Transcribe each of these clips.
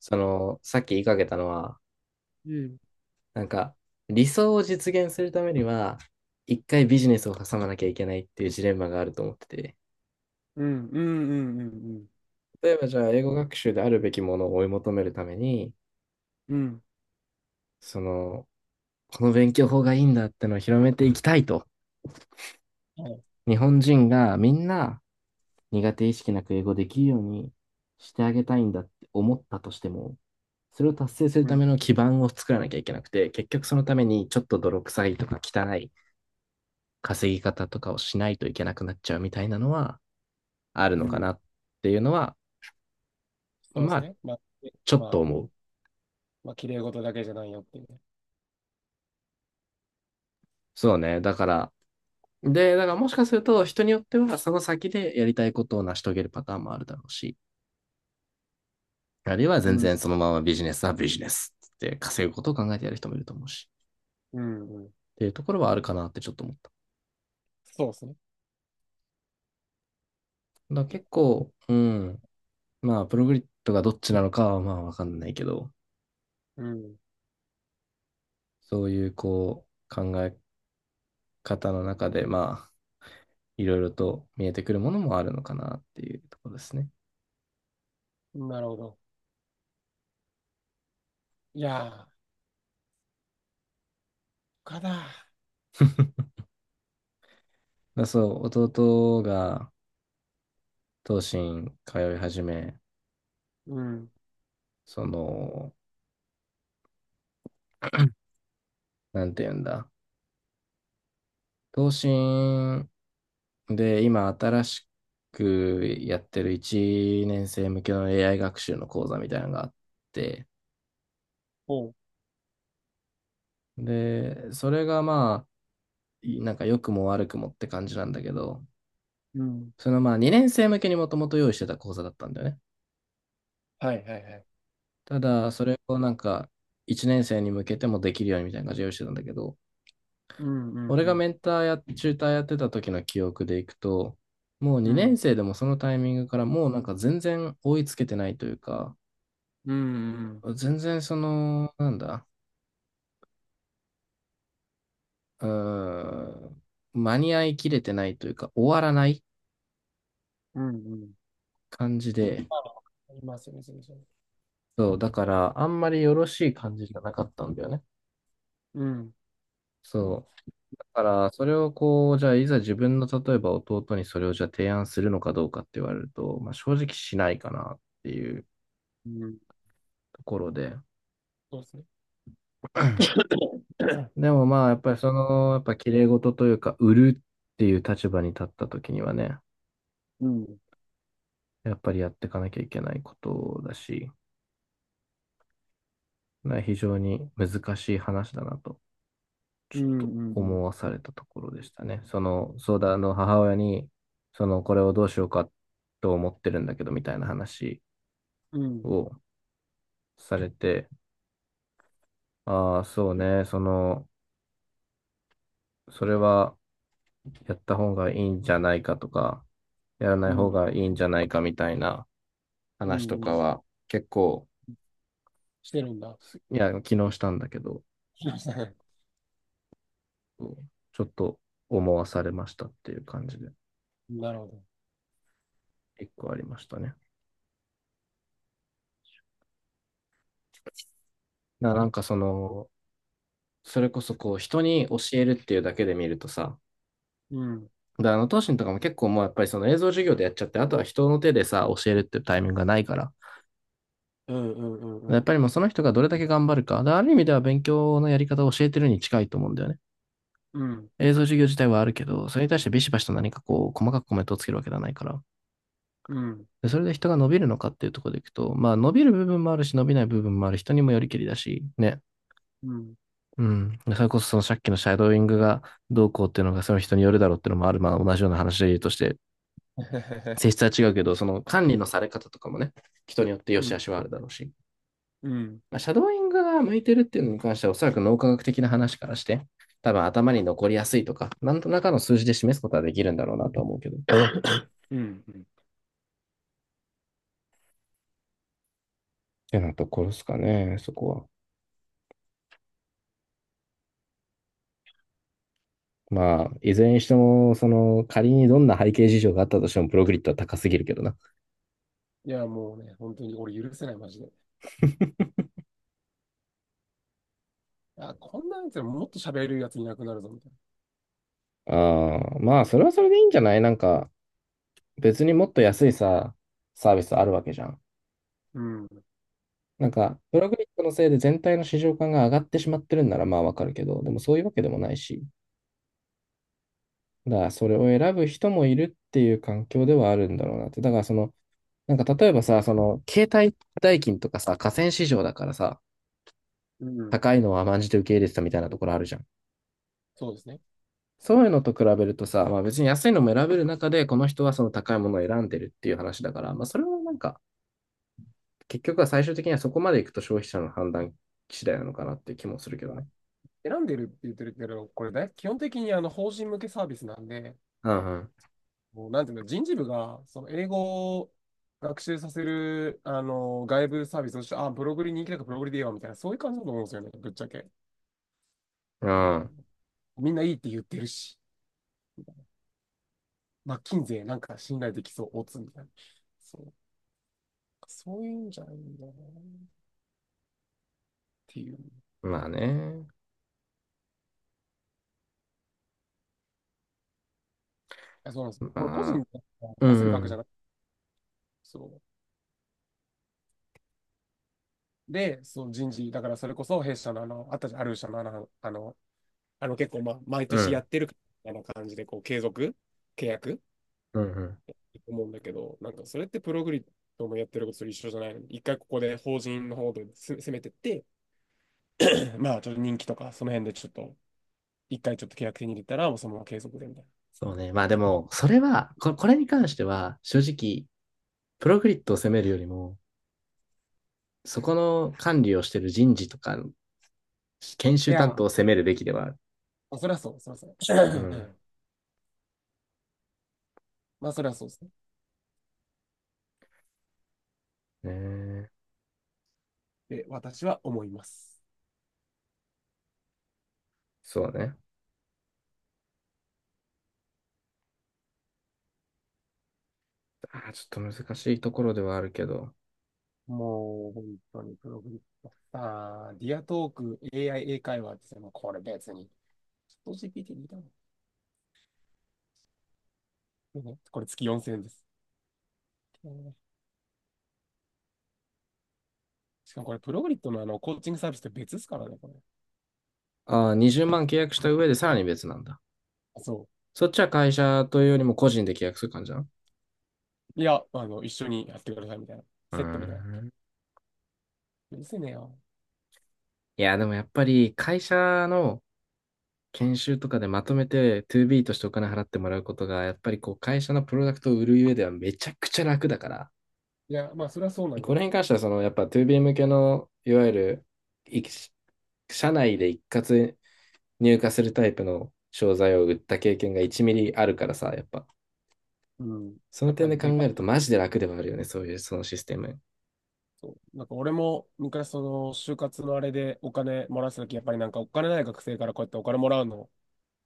その、さっき言いかけたのは、うんなんか、理想を実現するためには、一回ビジネスを挟まなきゃいけないっていうジレンマがあると思ってて、うんうん、うんうん例えばじゃあ、英語学習であるべきものを追い求めるために、うん、その、この勉強法がいいんだってのを広めていきたいと、はい、日本人がみんな苦手意識なく英語できるようにしてあげたいんだって思ったとしても、それを達成するうたんめの基盤を作らなきゃいけなくて、結局そのためにちょっと泥臭いとか汚い稼ぎ方とかをしないといけなくなっちゃうみたいなのはあるうのかなん。っていうのは、そうでますあ、ね。まあ、ちょまっとあ、う思ん、う。まあ、綺麗事だけじゃないよっていうね。そうね。だから、で、だからもしかすると人によってはその先でやりたいことを成し遂げるパターンもあるだろうし、あるいはう全ん然そのままビジネスはビジネスって稼ぐことを考えてやる人もいると思うし、うんうん。っていうところはあるかなってちょっと思った。そうですね。だからいや、結構、うん、まあ、プログリッドがどっちなのかはまあわかんないけど、うん。そういうこう、考え方の中で、まあ、いろいろと見えてくるものもあるのかなっていうところですね。なるほど。いや、かだだそう、弟が東進通い始め、うん。その、なんていうんだ、東進で今新しくやってる1年生向けの AI 学習の講座みたいなのがあって、おう。で、それがまあ、なんか良くも悪くもって感じなんだけど、うん。そのまあ2年生向けにもともと用意してた講座だったんだよね。はいはいはい。ただ、それをなんか、一年生に向けてもできるようにみたいな感じで用意してたんだけど、うんうん俺うがん、メンターや、チューターやってた時の記憶でいくと、もうう2年ん生でもそのタイミングからもうなんか全然追いつけてないというか、うんうん、全然その、なんだ、うーん、間に合いきれてないというか、終わらないうんうん。感じで、あ、ありますよね、そうそう。そう、だからあんまりよろしい感じじゃなかったんだよね。うんそう。だから、それをこう、じゃあ、いざ自分の、例えば弟にそれをじゃあ提案するのかどうかって言われると、まあ、正直しないかなっていううん。ところで。そうですね。でもまあ、やっぱりその、やっぱ綺麗事というか、売るっていう立場に立った時にはね、うんやっぱりやっていかなきゃいけないことだし、まあ非常に難しい話だなと、ちうょっんとうん、思わされたところでしたね。その、相談の母親に、その、これをどうしようかと思ってるんだけど、みたいな話うんうんを、されて、ああ、そうね、その、それはやった方がいいんじゃないかとか、やらなうい方ん、がいいんじゃないかみたいなう話とんうかん。は結構、してるんだ。いや、昨日したんだけど、ちょっと思わされましたっていう感じで、なるほど。一個ありましたね。なんかその、それこそこう、人に教えるっていうだけで見るとさ、うん。だからあの、東進とかも結構もうやっぱりその映像授業でやっちゃって、あとは人の手でさ、教えるっていうタイミングがないから、うんうんうやっんぱりもうその人がどれだけ頑張るか。だからある意味では勉強のやり方を教えてるに近いと思うんだよね。うん。映像授業自体はあるけど、それに対してビシバシと何かこう、細かくコメントをつけるわけではないから。うん。で、それで人が伸びるのかっていうところでいくと、まあ伸びる部分もあるし、伸びない部分もある人にもよりけりだし、ね。うん。うん。うん。それこそそのさっきのシャドーイングがどうこうっていうのがその人によるだろうっていうのもある。まあ同じような話で言うとして、性 質は違うけど、その管理のされ方とかもね、人によって良うし悪ん。しはあるだろうし。うん。まあ、シャドーイングが向いてるっていうのに関しては、おそらく脳科学的な話からして、多分頭に残りやすいとか、なんとなかの数字で示すことはできるんだろうなとは思うけど。っうんうん。てなところですかね、そこは。まあ、いずれにしても、その、仮にどんな背景事情があったとしても、プログリッドは高すぎるけどな。いや、もうね、本当に俺許せない、マジで。あ、こんなやつらもっと喋れるやついなくなるぞ、みたいああ、まあ、それはそれでいいんじゃないなんか、別にもっと安いさ、サービスあるわけじゃん。な。うん。なんか、プログリッドのせいで全体の市場感が上がってしまってるんなら、まあわかるけど、でもそういうわけでもないし、だからそれを選ぶ人もいるっていう環境ではあるんだろうなって。だからその、なんか例えばさ、その、携帯代金とかさ、河川市場だからさ、うん。高いのは甘んじて受け入れてたみたいなところあるじゃん。そうですね。そういうのと比べるとさ、まあ別に安いのも選べる中で、この人はその高いものを選んでるっていう話だから、まあそれはなんか、結局は最終的にはそこまでいくと消費者の判断次第なのかなっていう気もするけいどや、ね。選んでるって言ってるけど、これだ基本的にあの法人向けサービスなんで、うんもうなんていうの、人事部がその英語を学習させるあの外部サービスとして、あ、ブログに人気だからブログでいいわみたいな、そういう感じだと思うんですよね、ぶっちゃけ。うん。みんないいって言ってるし、まッキなんか信頼できそう、オツみたいな。そう、そういうんじゃないんだなっていう。うん。まあね。あ、そうなんです。これ個人まあ。でう出せるん額うじゃん。なくて、そう。で、そう人事、だからそれこそ弊社のあの、あったじゃん、ある社のあの結構、まあ、毎う年やん。ってるみたいな感じで、こう、継続契約うんうん。思うんだけど、なんかそれってプログリッドもやってることと一緒じゃないのに、一回ここで法人の方で攻めてって、まあちょっと人気とか、その辺でちょっと一回ちょっと契約手に入れたら、もうそのまま継続でみたいな。そうね。まあでも、それは、これに関しては、正直、プログリッドを責めるよりも、そこの管理をしている人事とか、研い修や担ー、当まを責めるべきではある。あ、そりゃそう、そりゃそう。う うん。ん。まあ、そりゃそうですね。ねえ、で、私は思います。そうね。あー、ちょっと難しいところではあるけど。もう、本当に、プログリッター、ディアトーク、AI 英会話ですね。もうこれ別に、GPT にいたの。ねこれ月4000円です。しかもこれ、プログリッドのあのコーチングサービスと別ですからね、これ。ああ、20万契約した上でさらに別なんだ。そそっちは会社というよりも個人で契約する感じなの、う。いや、あの、一緒にやってくださいみたいな。うーセットみたいな。ん。うるせえねよ。いや、でもやっぱり会社の研修とかでまとめて 2B としてお金払ってもらうことが、やっぱりこう会社のプロダクトを売る上ではめちゃくちゃ楽だから、いや、まあ、それはそうなんこよ。れに関してはそのやっぱ 2B 向けの、いわゆるい社内で一括入荷するタイプの商材を売った経験が1ミリあるからさ、やっぱうん。そやのっぱ点でね、考でかえるい、とマジで楽ではあるよね、そういうそのシステム。そう、なんか俺も昔その就活のあれでお金もらってた時、やっぱりなんかお金ない学生からこうやってお金もらうの、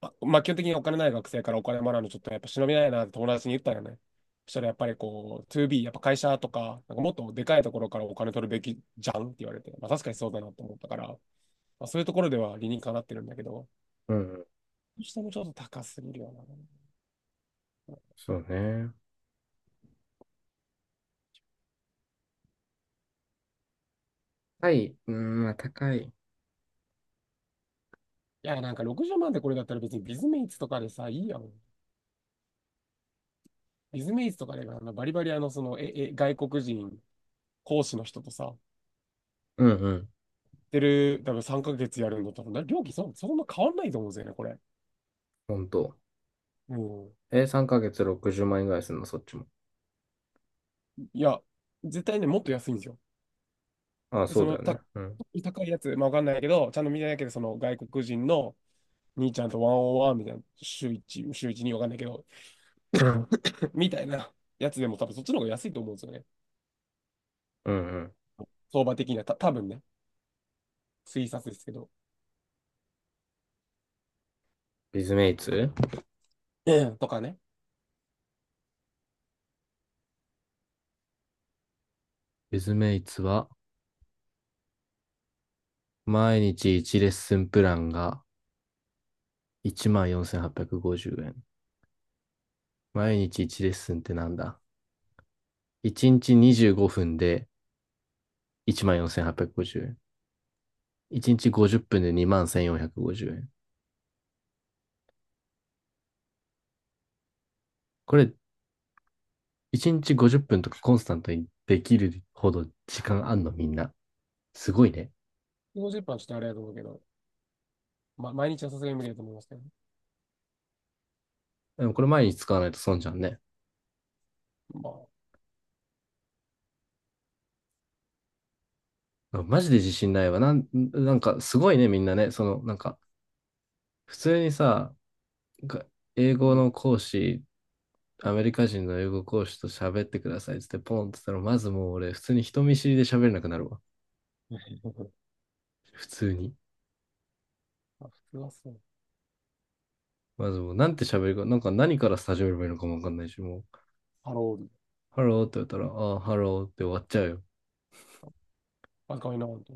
あ、まあ基本的にお金ない学生からお金もらうのちょっとやっぱ忍びないなって友達に言ったよね。そしたらやっぱりこう 2B、やっぱ会社とか、なんかもっとでかいところからお金取るべきじゃんって言われて、まあ確かにそうだなと思ったから、まあ、そういうところでは理にかなってるんだけど、うん、そしてもちょっと高すぎるよな。いそうね。はい、うん、まあ高い。や、なんか60万でこれだったら別にビズメイツとかでさ、いいやん。ビズメイツとかであのバリバリあのその外国人講師の人とさ、うんうん、てる、多分3ヶ月やるのと、多分料金そんな変わんないと思うんですよね、これ。本当。うん。え、3ヶ月60万円ぐらいするの、そっちも。いや、絶対ね、もっと安いんですよ。ああ、でそそうだの、よね。うん。高いやつ、まあ、わかんないけど、ちゃんと見てないけど、その外国人の兄ちゃんとワンオンワンみたいな、週一にわかんないけど、みたいなやつでも多分そっちの方が安いと思うんですよね。うんうん。相場的には、多分ね、推察ですけど。ビズメイツえとかね。ビズメイツは、毎日1レッスンプランが14,850円。毎日1レッスンってなんだ？ 1 日25分で14,850円。1日50分で21,450円。これ、1日50分とかコンスタントにできるほど時間あんのみんな。すごいね。50分はちょっとあれだと思うけど、まあ、毎日はさすがに無理だと思いますけどね。でもこれ毎日使わないと損じゃんね。まあ、マジで自信ないわ。なんかすごいね、みんなね。その、なんか、普通にさ、英語うん。 の講師アメリカ人の英語講師と喋ってくださいっつってポンって言ったら、まずもう俺、普通に人見知りで喋れなくなるわ。普通に。まあ普通はそう。まずもう、なんて喋るか、なんか何から始めればいいのかもわかんないし、もう、ハロール、ハローって言ったら、あハローって終わっちゃうよ。若いな、本当。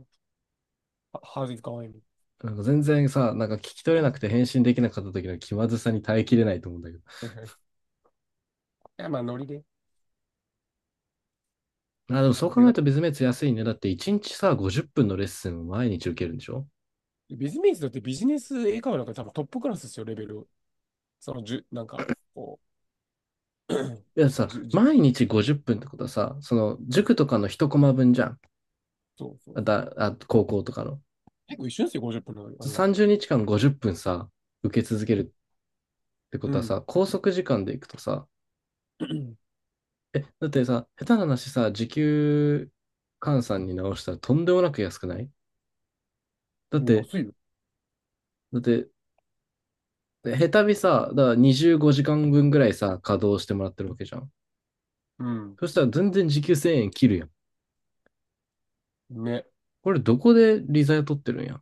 How's it going? なんか全然さ、なんか聞き取れなくて返信できなかった時の気まずさに耐えきれないと思うんだけど。はいはいい や、まあ、ノリで。あ、でもまそうあ、考でえるかとビズメイツ安いね。だって1日さ、50分のレッスンを毎日受けるんでしょ？いビジネスだってビジネス英会話なんか多分トップクラスですよ、レベル。その、なんか、こいやう、さ、じゅ、じゅ、毎日50分っぷんってことはさ、その塾とかの1コマ分じゃん。そうそうそう。高校とかの。結構一緒ですよ、50分の。30日間50分さ、受け続けるってこうとはん。さ、拘束時間でいくとさ、うん。え、だってさ、下手な話さ、時給換算に直したらとんでもなく安くない？ だって、安いよ。だって、下手にさ、だから25時間分ぐらいさ、稼働してもらってるわけじゃん。うん。そしたら全然時給1000円切るやん。ね。これどこで利ザヤ取ってるんや。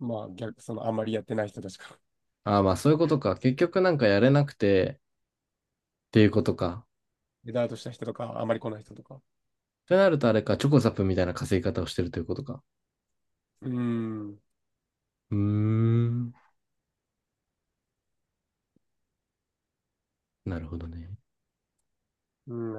まあ、逆、その、あんまりやってない人たちから。ああ、まあそういうことか。結局なんかやれなくてっていうことか。エダートした人とか、あんまり来ない人とか。ってなるとあれか、チョコザップみたいな稼ぎ方をしてるということか。うん。うーん。なるほどね。うん。